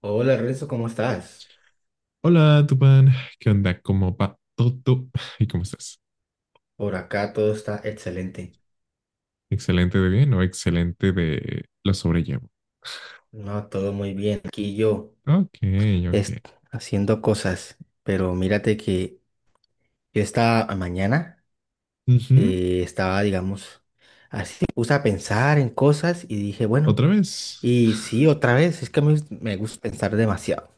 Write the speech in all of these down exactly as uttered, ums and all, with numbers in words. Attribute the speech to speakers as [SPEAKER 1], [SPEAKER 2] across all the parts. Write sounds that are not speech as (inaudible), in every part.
[SPEAKER 1] Hola Renzo, ¿cómo estás?
[SPEAKER 2] Hola, Tupán. ¿Qué onda? ¿Cómo va todo? ¿Y cómo estás?
[SPEAKER 1] Por acá todo está excelente.
[SPEAKER 2] ¿Excelente de bien o excelente de lo sobrellevo?
[SPEAKER 1] No, todo muy bien. Aquí yo
[SPEAKER 2] Ok, ok.
[SPEAKER 1] est- haciendo cosas, pero mírate que yo esta mañana
[SPEAKER 2] Ujú.
[SPEAKER 1] eh, estaba, digamos, me puse a pensar en cosas y dije, bueno,
[SPEAKER 2] ¿Otra vez?
[SPEAKER 1] y sí, otra vez, es que me, me gusta pensar demasiado.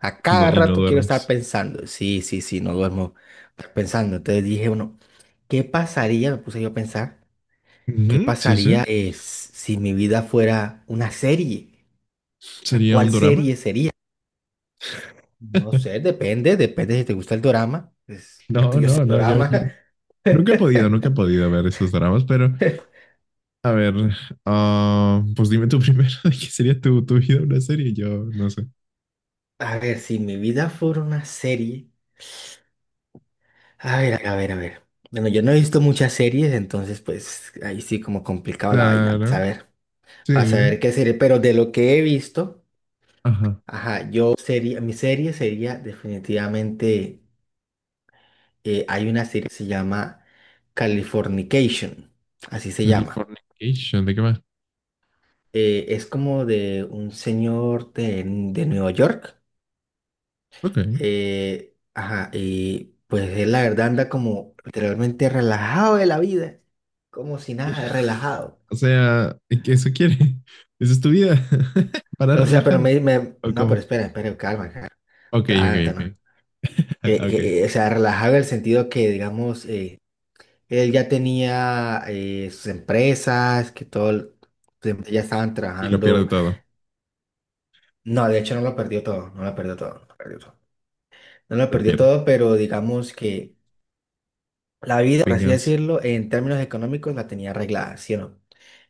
[SPEAKER 1] A
[SPEAKER 2] No,
[SPEAKER 1] cada
[SPEAKER 2] y no
[SPEAKER 1] rato quiero estar
[SPEAKER 2] duermes.
[SPEAKER 1] pensando. Sí, sí, sí, no duermo pensando. Entonces dije, bueno, ¿qué pasaría? Me puse yo a pensar. ¿Qué
[SPEAKER 2] Ujú, sí, sí.
[SPEAKER 1] pasaría es, si mi vida fuera una serie? O sea,
[SPEAKER 2] ¿Sería un
[SPEAKER 1] ¿cuál
[SPEAKER 2] drama?
[SPEAKER 1] serie sería? No sé,
[SPEAKER 2] (laughs)
[SPEAKER 1] depende, depende si te gusta el dorama. Pues, el
[SPEAKER 2] No,
[SPEAKER 1] tuyo es
[SPEAKER 2] no,
[SPEAKER 1] el
[SPEAKER 2] no, yo,
[SPEAKER 1] dorama.
[SPEAKER 2] yo. Nunca he podido, nunca he
[SPEAKER 1] (laughs)
[SPEAKER 2] podido ver esos dramas, pero a ver, ah, pues dime tú primero (laughs) de qué sería tu, tu vida una serie, yo no sé.
[SPEAKER 1] A ver, si mi vida fuera una serie. A ver, a ver, a ver. Bueno, yo no he visto muchas series, entonces pues ahí sí como complicado la vaina. Pues, a
[SPEAKER 2] Claro,
[SPEAKER 1] ver, para saber
[SPEAKER 2] sí.
[SPEAKER 1] qué serie, pero de lo que he visto,
[SPEAKER 2] Ajá.
[SPEAKER 1] ajá, yo sería, mi serie sería definitivamente. Eh, hay una serie que se llama Californication, así se llama.
[SPEAKER 2] Californication, ¿de qué va?
[SPEAKER 1] Eh, es como de un señor de, de Nueva York.
[SPEAKER 2] Ok.
[SPEAKER 1] Eh, ajá, y pues él la verdad anda como literalmente relajado de la vida, como si nada, relajado.
[SPEAKER 2] O sea, ¿y qué eso quiere? (laughs) Esa es tu vida. (laughs) Para
[SPEAKER 1] O sea, pero
[SPEAKER 2] relajada.
[SPEAKER 1] me, me-
[SPEAKER 2] ¿O
[SPEAKER 1] no, pero
[SPEAKER 2] cómo?
[SPEAKER 1] espera, espera, calma, calma.
[SPEAKER 2] Ok, ok,
[SPEAKER 1] Ah, no,
[SPEAKER 2] ok.
[SPEAKER 1] no. Que-
[SPEAKER 2] (laughs) Ok.
[SPEAKER 1] que, eh, o sea, relajado en el sentido que, digamos, eh, él ya tenía eh, sus empresas, que todo, el- pues, ya estaban
[SPEAKER 2] Y lo pierde
[SPEAKER 1] trabajando.
[SPEAKER 2] todo.
[SPEAKER 1] No, de hecho no lo perdió todo, no lo perdió todo, no lo perdió todo. No lo
[SPEAKER 2] Lo
[SPEAKER 1] perdió
[SPEAKER 2] pierde.
[SPEAKER 1] todo, pero digamos que la vida, por así
[SPEAKER 2] Venganza.
[SPEAKER 1] decirlo, en términos económicos la tenía arreglada, ¿sí o no?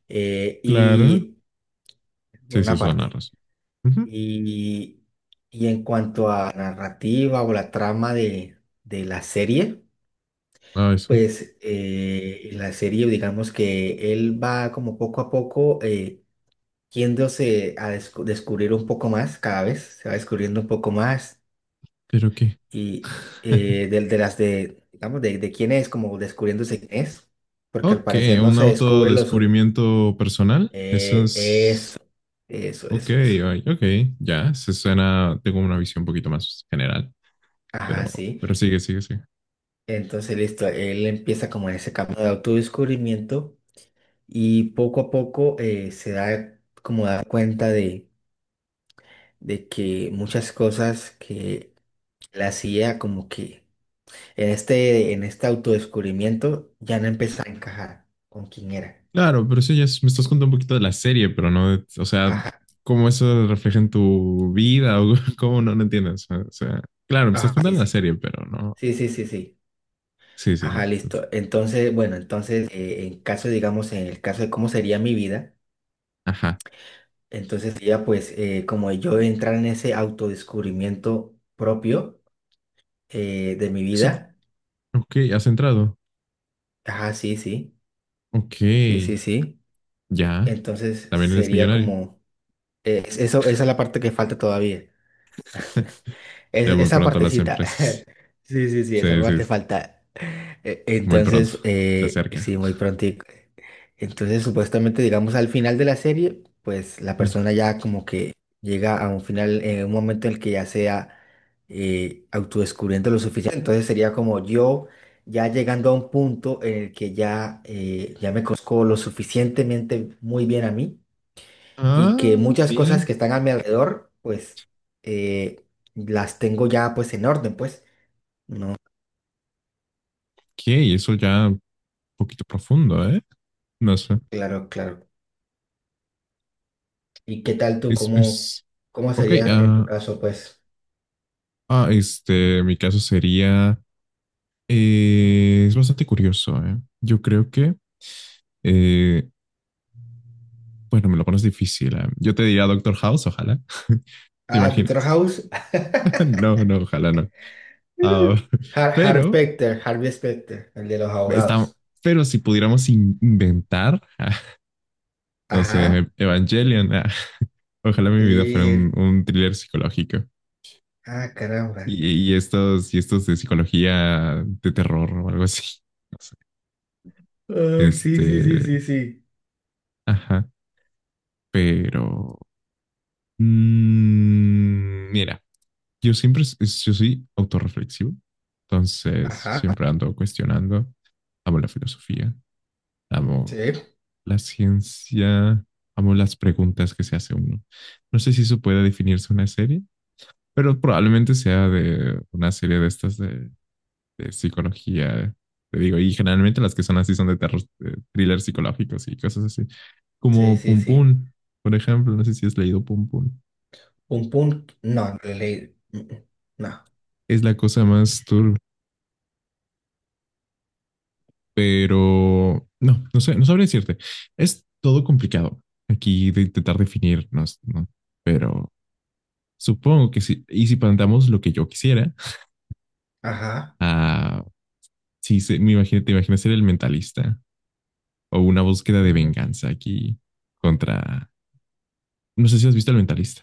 [SPEAKER 1] Eh,
[SPEAKER 2] Claro.
[SPEAKER 1] y por
[SPEAKER 2] Sí, sí,
[SPEAKER 1] una
[SPEAKER 2] suena
[SPEAKER 1] parte.
[SPEAKER 2] razón. Ujú.
[SPEAKER 1] Y, y en cuanto a la narrativa o la trama de, de la serie,
[SPEAKER 2] Ah, eso.
[SPEAKER 1] pues eh, en la serie, digamos que él va como poco a poco eh, yéndose a descu- descubrir un poco más cada vez, se va descubriendo un poco más
[SPEAKER 2] ¿Pero qué?
[SPEAKER 1] y
[SPEAKER 2] (laughs)
[SPEAKER 1] eh, del- de, las de, digamos, de, de quién es, como descubriéndose quién es, porque al
[SPEAKER 2] Ok,
[SPEAKER 1] parecer no
[SPEAKER 2] un
[SPEAKER 1] se descubre los...
[SPEAKER 2] autodescubrimiento personal. Eso
[SPEAKER 1] eh,
[SPEAKER 2] es.
[SPEAKER 1] eso, eso,
[SPEAKER 2] Ok,
[SPEAKER 1] eso, eso.
[SPEAKER 2] ay, ok. Ya, se suena. Tengo una visión un poquito más general.
[SPEAKER 1] Ajá,
[SPEAKER 2] Pero,
[SPEAKER 1] sí.
[SPEAKER 2] pero sigue, sigue, sigue.
[SPEAKER 1] Entonces, listo, él empieza como en ese camino de autodescubrimiento y poco a poco eh, se da como da cuenta de, de que muchas cosas que él hacía como que en este, en este autodescubrimiento ya no empezaba a encajar con quién era.
[SPEAKER 2] Claro, pero eso ya es... Me estás contando un poquito de la serie, pero no, de... O sea,
[SPEAKER 1] Ajá,
[SPEAKER 2] cómo eso refleja en tu vida o (laughs) cómo no, no entiendes. O sea, claro, me estás
[SPEAKER 1] ajá, sí,
[SPEAKER 2] contando la
[SPEAKER 1] sí.
[SPEAKER 2] serie, pero no.
[SPEAKER 1] Sí, sí, sí, sí.
[SPEAKER 2] Sí, sí.
[SPEAKER 1] Ajá,
[SPEAKER 2] es- es-
[SPEAKER 1] listo. Entonces, bueno, entonces, eh, en caso, digamos, en el caso de cómo sería mi vida,
[SPEAKER 2] Ajá.
[SPEAKER 1] entonces sería pues eh, como yo entrar en ese autodescubrimiento propio eh, de mi
[SPEAKER 2] Eso-
[SPEAKER 1] vida.
[SPEAKER 2] ok, has entrado.
[SPEAKER 1] Ajá, sí, sí,
[SPEAKER 2] Ok,
[SPEAKER 1] sí, sí, sí.
[SPEAKER 2] ya.
[SPEAKER 1] Entonces
[SPEAKER 2] También eres
[SPEAKER 1] sería
[SPEAKER 2] millonario.
[SPEAKER 1] como, eh, eso, esa es la parte que falta todavía.
[SPEAKER 2] (laughs)
[SPEAKER 1] (laughs)
[SPEAKER 2] Ya
[SPEAKER 1] Es-
[SPEAKER 2] muy
[SPEAKER 1] esa
[SPEAKER 2] pronto las
[SPEAKER 1] partecita. (laughs)
[SPEAKER 2] empresas.
[SPEAKER 1] Sí, sí, sí, esa
[SPEAKER 2] Sí, sí,
[SPEAKER 1] parte
[SPEAKER 2] sí,
[SPEAKER 1] falta. E-
[SPEAKER 2] muy pronto.
[SPEAKER 1] Entonces,
[SPEAKER 2] Se
[SPEAKER 1] eh,
[SPEAKER 2] acerca.
[SPEAKER 1] sí, muy prontico. Entonces, supuestamente, digamos, al final de la serie, pues la
[SPEAKER 2] Mm.
[SPEAKER 1] persona ya como que llega a un final, en un momento en el que ya sea eh, autodescubriendo lo suficiente. Entonces sería como yo ya llegando a un punto en el que ya, eh, ya me conozco lo suficientemente muy bien a mí y que
[SPEAKER 2] Ah,
[SPEAKER 1] muchas cosas
[SPEAKER 2] mira.
[SPEAKER 1] que están a mi alrededor, pues eh, las tengo ya pues en orden, pues.
[SPEAKER 2] Ok, eso ya un poquito profundo, ¿eh? No sé.
[SPEAKER 1] Claro, claro. ¿Y qué tal tú?
[SPEAKER 2] Es,
[SPEAKER 1] ¿Cómo,
[SPEAKER 2] es,
[SPEAKER 1] cómo
[SPEAKER 2] ok,
[SPEAKER 1] sería en tu
[SPEAKER 2] ah,
[SPEAKER 1] caso, pues?
[SPEAKER 2] ah, este, mi caso sería, eh, es bastante curioso, ¿eh? Yo creo que, eh, bueno, me lo pones difícil, ¿eh? Yo te diría Doctor House, ojalá, ¿te
[SPEAKER 1] Ah, Doctor
[SPEAKER 2] imaginas?
[SPEAKER 1] House.
[SPEAKER 2] (laughs)
[SPEAKER 1] (laughs)
[SPEAKER 2] No, no, ojalá no. Ah, (laughs)
[SPEAKER 1] Har- Harvey
[SPEAKER 2] pero,
[SPEAKER 1] Specter, Harvey Specter, el de los
[SPEAKER 2] está,
[SPEAKER 1] abogados.
[SPEAKER 2] pero si pudiéramos in- inventar, (laughs) no sé,
[SPEAKER 1] Ajá.
[SPEAKER 2] Evangelion, ah, ojalá mi vida fuera un,
[SPEAKER 1] Y...
[SPEAKER 2] un thriller psicológico.
[SPEAKER 1] Ah, caramba.
[SPEAKER 2] Y, y estos, y estos de psicología de terror o algo así. (laughs) No sé.
[SPEAKER 1] Oh, sí, sí, sí,
[SPEAKER 2] Este,
[SPEAKER 1] sí, sí.
[SPEAKER 2] ajá, pero... Mm, mira, yo siempre, s- yo soy autorreflexivo, entonces yo
[SPEAKER 1] Ajá.
[SPEAKER 2] siempre ando cuestionando. Amo la filosofía, amo
[SPEAKER 1] Sí,
[SPEAKER 2] la ciencia, amo las preguntas que se hace uno. No sé si eso puede definirse una serie, pero probablemente sea de una serie de estas de, de psicología. Te digo, y generalmente las que son así son de terror, de thrillers psicológicos y cosas así.
[SPEAKER 1] sí,
[SPEAKER 2] Como
[SPEAKER 1] sí,
[SPEAKER 2] Pum
[SPEAKER 1] sí.
[SPEAKER 2] Pum, por ejemplo, no sé si has leído Pum Pum.
[SPEAKER 1] Un punto. No, le leí. Mm, mm, no.
[SPEAKER 2] Es la cosa más turbia. Pero no, no sé, no sabría decirte. Es todo complicado aquí de intentar definirnos, ¿no? Pero supongo que sí. Y si planteamos lo que yo quisiera,
[SPEAKER 1] Ajá.
[SPEAKER 2] ah, sí, se- me imagino, te imaginas ser el mentalista o una búsqueda de venganza aquí contra. No sé si has visto el mentalista.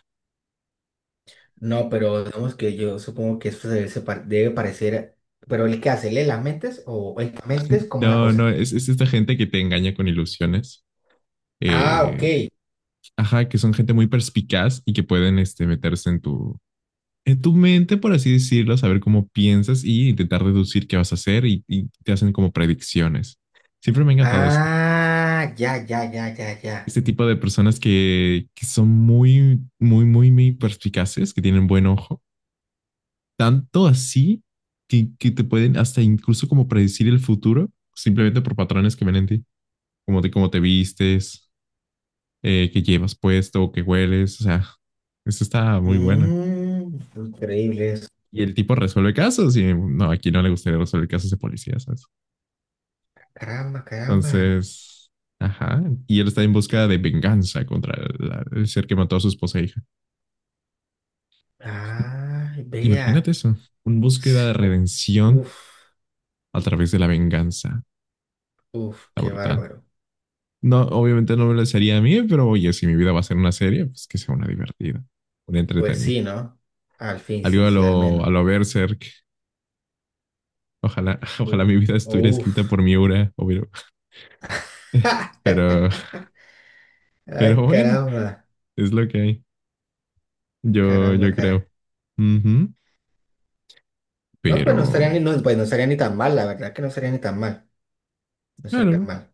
[SPEAKER 1] No, pero digamos que yo supongo que eso se debe, separ- debe parecer. Pero el que hace, ¿lee las mentes o el que mentes? ¿Cómo es la
[SPEAKER 2] No, no,
[SPEAKER 1] cosa?
[SPEAKER 2] es, es esta gente que te engaña con ilusiones.
[SPEAKER 1] Ah,
[SPEAKER 2] eh,
[SPEAKER 1] ok.
[SPEAKER 2] ajá, que son gente muy perspicaz y que pueden este, meterse en tu, en tu mente, por así decirlo, saber cómo piensas y intentar deducir qué vas a hacer y, y te hacen como predicciones. Siempre me ha encantado eso.
[SPEAKER 1] Ah, ya, ya, ya, ya, ya.
[SPEAKER 2] Este tipo de personas que, que son muy, muy, muy, muy perspicaces, que tienen buen ojo, tanto así que, que te pueden hasta incluso como predecir el futuro simplemente por patrones que ven en ti, como de cómo te vistes, eh, qué llevas puesto, qué hueles, o sea, eso está muy buena.
[SPEAKER 1] Mmm, increíble eso.
[SPEAKER 2] Y el tipo resuelve casos y no, aquí no le gustaría resolver casos de policía, ¿sabes?
[SPEAKER 1] Caramba, caramba.
[SPEAKER 2] Entonces, ajá. Y él está en búsqueda de venganza contra la- el ser que mató a su esposa e hija.
[SPEAKER 1] Ay,
[SPEAKER 2] Imagínate
[SPEAKER 1] vea.
[SPEAKER 2] eso. Una búsqueda de
[SPEAKER 1] S-
[SPEAKER 2] redención
[SPEAKER 1] Uf,
[SPEAKER 2] a través de la venganza.
[SPEAKER 1] uf,
[SPEAKER 2] Está
[SPEAKER 1] qué
[SPEAKER 2] brutal.
[SPEAKER 1] bárbaro.
[SPEAKER 2] No, obviamente no me lo sería a mí, pero oye, si mi vida va a ser una serie, pues que sea una divertida, una
[SPEAKER 1] Pues
[SPEAKER 2] entretenida.
[SPEAKER 1] sí, ¿no? Al fin,
[SPEAKER 2] Algo
[SPEAKER 1] sí,
[SPEAKER 2] a
[SPEAKER 1] sí, al
[SPEAKER 2] lo, a
[SPEAKER 1] menos.
[SPEAKER 2] lo Berserk. Ojalá, (laughs) ojalá
[SPEAKER 1] U-
[SPEAKER 2] mi vida estuviera escrita
[SPEAKER 1] Uf.
[SPEAKER 2] por Miura, obvio. (laughs)
[SPEAKER 1] (laughs)
[SPEAKER 2] Pero,
[SPEAKER 1] Ah,
[SPEAKER 2] pero bueno,
[SPEAKER 1] caramba,
[SPEAKER 2] es lo que hay. Yo,
[SPEAKER 1] caramba,
[SPEAKER 2] yo
[SPEAKER 1] caramba.
[SPEAKER 2] creo. Ujú.
[SPEAKER 1] No,
[SPEAKER 2] Pero,
[SPEAKER 1] pues no estaría ni, no, pues no estaría ni tan mal, la verdad que no estaría ni tan mal. No estaría
[SPEAKER 2] claro,
[SPEAKER 1] mal.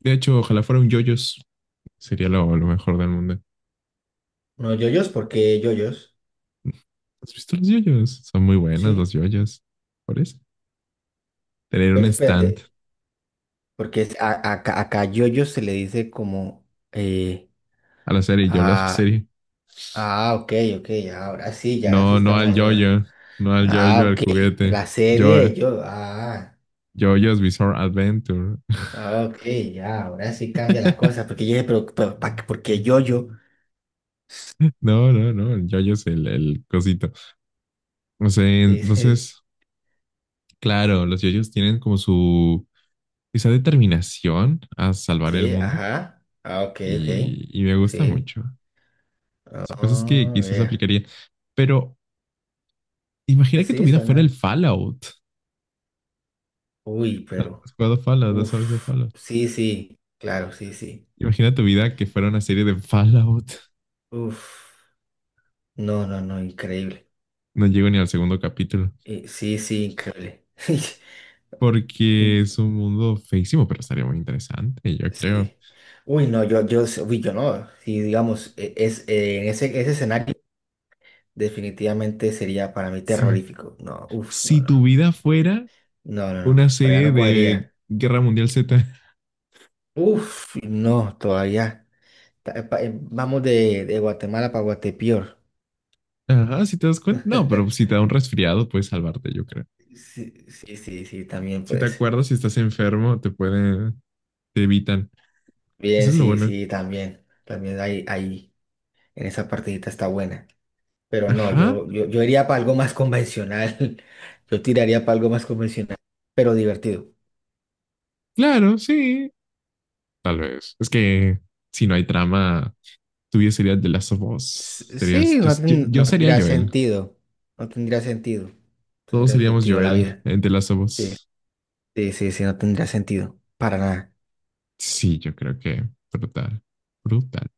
[SPEAKER 2] de hecho, ojalá fuera un yoyos. Sería lo, lo mejor del mundo.
[SPEAKER 1] No, yoyos, porque yoyos,
[SPEAKER 2] ¿Has visto los yoyos? Son muy buenas
[SPEAKER 1] sí,
[SPEAKER 2] los yoyos. Por eso. Tener un
[SPEAKER 1] pero espérate,
[SPEAKER 2] stand
[SPEAKER 1] porque es- a- a- acá, acá yoyos se le dice como eh,
[SPEAKER 2] a la serie, yo a la
[SPEAKER 1] ah,
[SPEAKER 2] serie.
[SPEAKER 1] ah, ok, ok, ahora sí, ya sí
[SPEAKER 2] No, no
[SPEAKER 1] estamos
[SPEAKER 2] al
[SPEAKER 1] hablando.
[SPEAKER 2] yoyo. No al
[SPEAKER 1] Ah,
[SPEAKER 2] yoyo, al
[SPEAKER 1] ok.
[SPEAKER 2] juguete.
[SPEAKER 1] La serie
[SPEAKER 2] Yo,
[SPEAKER 1] de yo, ah,
[SPEAKER 2] yoyos Bizarre Adventure.
[SPEAKER 1] ah, ok, ya, ahora sí cambia la cosa.
[SPEAKER 2] (laughs)
[SPEAKER 1] Porque yo dije, pero, pero ¿pa qué? ¿Por qué yoyo? (laughs)
[SPEAKER 2] No, no, no. El yoyo es el, el cosito. No sé,
[SPEAKER 1] Dice,
[SPEAKER 2] entonces, claro, los yoyos tienen como su, esa determinación a salvar el
[SPEAKER 1] sí,
[SPEAKER 2] mundo.
[SPEAKER 1] ajá. Ah, ok, ok.
[SPEAKER 2] Y, y me gusta
[SPEAKER 1] Sí.
[SPEAKER 2] mucho. Son cosas que
[SPEAKER 1] Ah,
[SPEAKER 2] quizás
[SPEAKER 1] vea.
[SPEAKER 2] aplicaría. Pero imagina
[SPEAKER 1] Pues
[SPEAKER 2] que tu
[SPEAKER 1] sí,
[SPEAKER 2] vida fuera el
[SPEAKER 1] suena.
[SPEAKER 2] Fallout.
[SPEAKER 1] Uy, pero,
[SPEAKER 2] Has jugado Fallout, no sabes de
[SPEAKER 1] uff,
[SPEAKER 2] Fallout.
[SPEAKER 1] sí, sí, claro, sí, sí,
[SPEAKER 2] Imagina tu vida que fuera una serie de Fallout.
[SPEAKER 1] uff, no, no, no, increíble.
[SPEAKER 2] No llego ni al segundo capítulo.
[SPEAKER 1] Eh, sí, sí, increíble. (laughs)
[SPEAKER 2] Porque
[SPEAKER 1] In-
[SPEAKER 2] es un mundo feísimo, pero estaría muy interesante, yo creo.
[SPEAKER 1] sí, uy, no, yo, yo, sé- uy, yo no, si digamos, e- es, eh, en ese, ese escenario, definitivamente sería para mí
[SPEAKER 2] Sí.
[SPEAKER 1] terrorífico, no, uff, no,
[SPEAKER 2] Si tu
[SPEAKER 1] no,
[SPEAKER 2] vida fuera
[SPEAKER 1] no, no, no, no,
[SPEAKER 2] una
[SPEAKER 1] por allá
[SPEAKER 2] serie
[SPEAKER 1] no
[SPEAKER 2] de
[SPEAKER 1] cogería,
[SPEAKER 2] Guerra Mundial Z.
[SPEAKER 1] uff, no, todavía, Ta- pa- eh, vamos de, de Guatemala para Guatepeor.
[SPEAKER 2] (laughs) Ajá, si te das cuenta. No, pero si
[SPEAKER 1] (laughs)
[SPEAKER 2] te da un resfriado, puedes salvarte, yo creo.
[SPEAKER 1] Sí, sí, sí, sí, también
[SPEAKER 2] Si te
[SPEAKER 1] puede ser.
[SPEAKER 2] acuerdas, si estás enfermo, te pueden, te evitan. Eso
[SPEAKER 1] Bien,
[SPEAKER 2] es lo
[SPEAKER 1] sí,
[SPEAKER 2] bueno.
[SPEAKER 1] sí, también. También ahí, ahí en esa partidita está buena. Pero no,
[SPEAKER 2] Ajá.
[SPEAKER 1] yo, yo, yo iría para algo más convencional. (laughs) Yo tiraría para algo más convencional, pero divertido.
[SPEAKER 2] Claro, sí, tal vez. Es que si no hay trama, tú ya serías The Last of
[SPEAKER 1] S-
[SPEAKER 2] Us. Serías,
[SPEAKER 1] Sí,
[SPEAKER 2] yo,
[SPEAKER 1] no,
[SPEAKER 2] yo,
[SPEAKER 1] ten-
[SPEAKER 2] yo
[SPEAKER 1] no
[SPEAKER 2] sería
[SPEAKER 1] tendría
[SPEAKER 2] Joel.
[SPEAKER 1] sentido. No tendría sentido.
[SPEAKER 2] Todos
[SPEAKER 1] Tendría
[SPEAKER 2] seríamos
[SPEAKER 1] sentido la
[SPEAKER 2] Joel
[SPEAKER 1] vida.
[SPEAKER 2] en The Last of
[SPEAKER 1] Sí,
[SPEAKER 2] Us.
[SPEAKER 1] sí, sí, sí, no tendría sentido. Para nada.
[SPEAKER 2] Sí, yo creo que brutal. Brutal.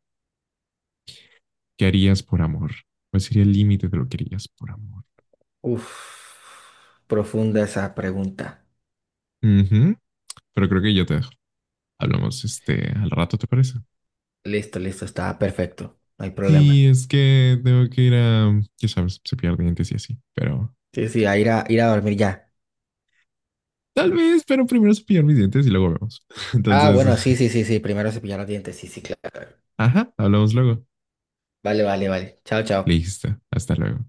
[SPEAKER 2] ¿Qué harías por amor? ¿Cuál sería el límite de lo que harías por amor?
[SPEAKER 1] Uf, profunda esa pregunta.
[SPEAKER 2] Ujú, pero creo que yo te dejo. Hablamos este al rato, ¿te parece?
[SPEAKER 1] Listo, listo, está perfecto. No hay
[SPEAKER 2] Sí,
[SPEAKER 1] problema.
[SPEAKER 2] es que tengo que ir a, ya sabes, cepillar dientes y así. Pero
[SPEAKER 1] Sí, sí, a ir a, ir a dormir ya.
[SPEAKER 2] tal vez, pero primero cepillar mis dientes y luego vemos. (laughs)
[SPEAKER 1] Ah,
[SPEAKER 2] Entonces,
[SPEAKER 1] bueno, sí, sí, sí, sí. Primero cepillar los dientes. Sí, sí, claro.
[SPEAKER 2] (laughs) ajá, hablamos luego.
[SPEAKER 1] Vale, vale, vale. Chao, chao.
[SPEAKER 2] Listo, hasta luego.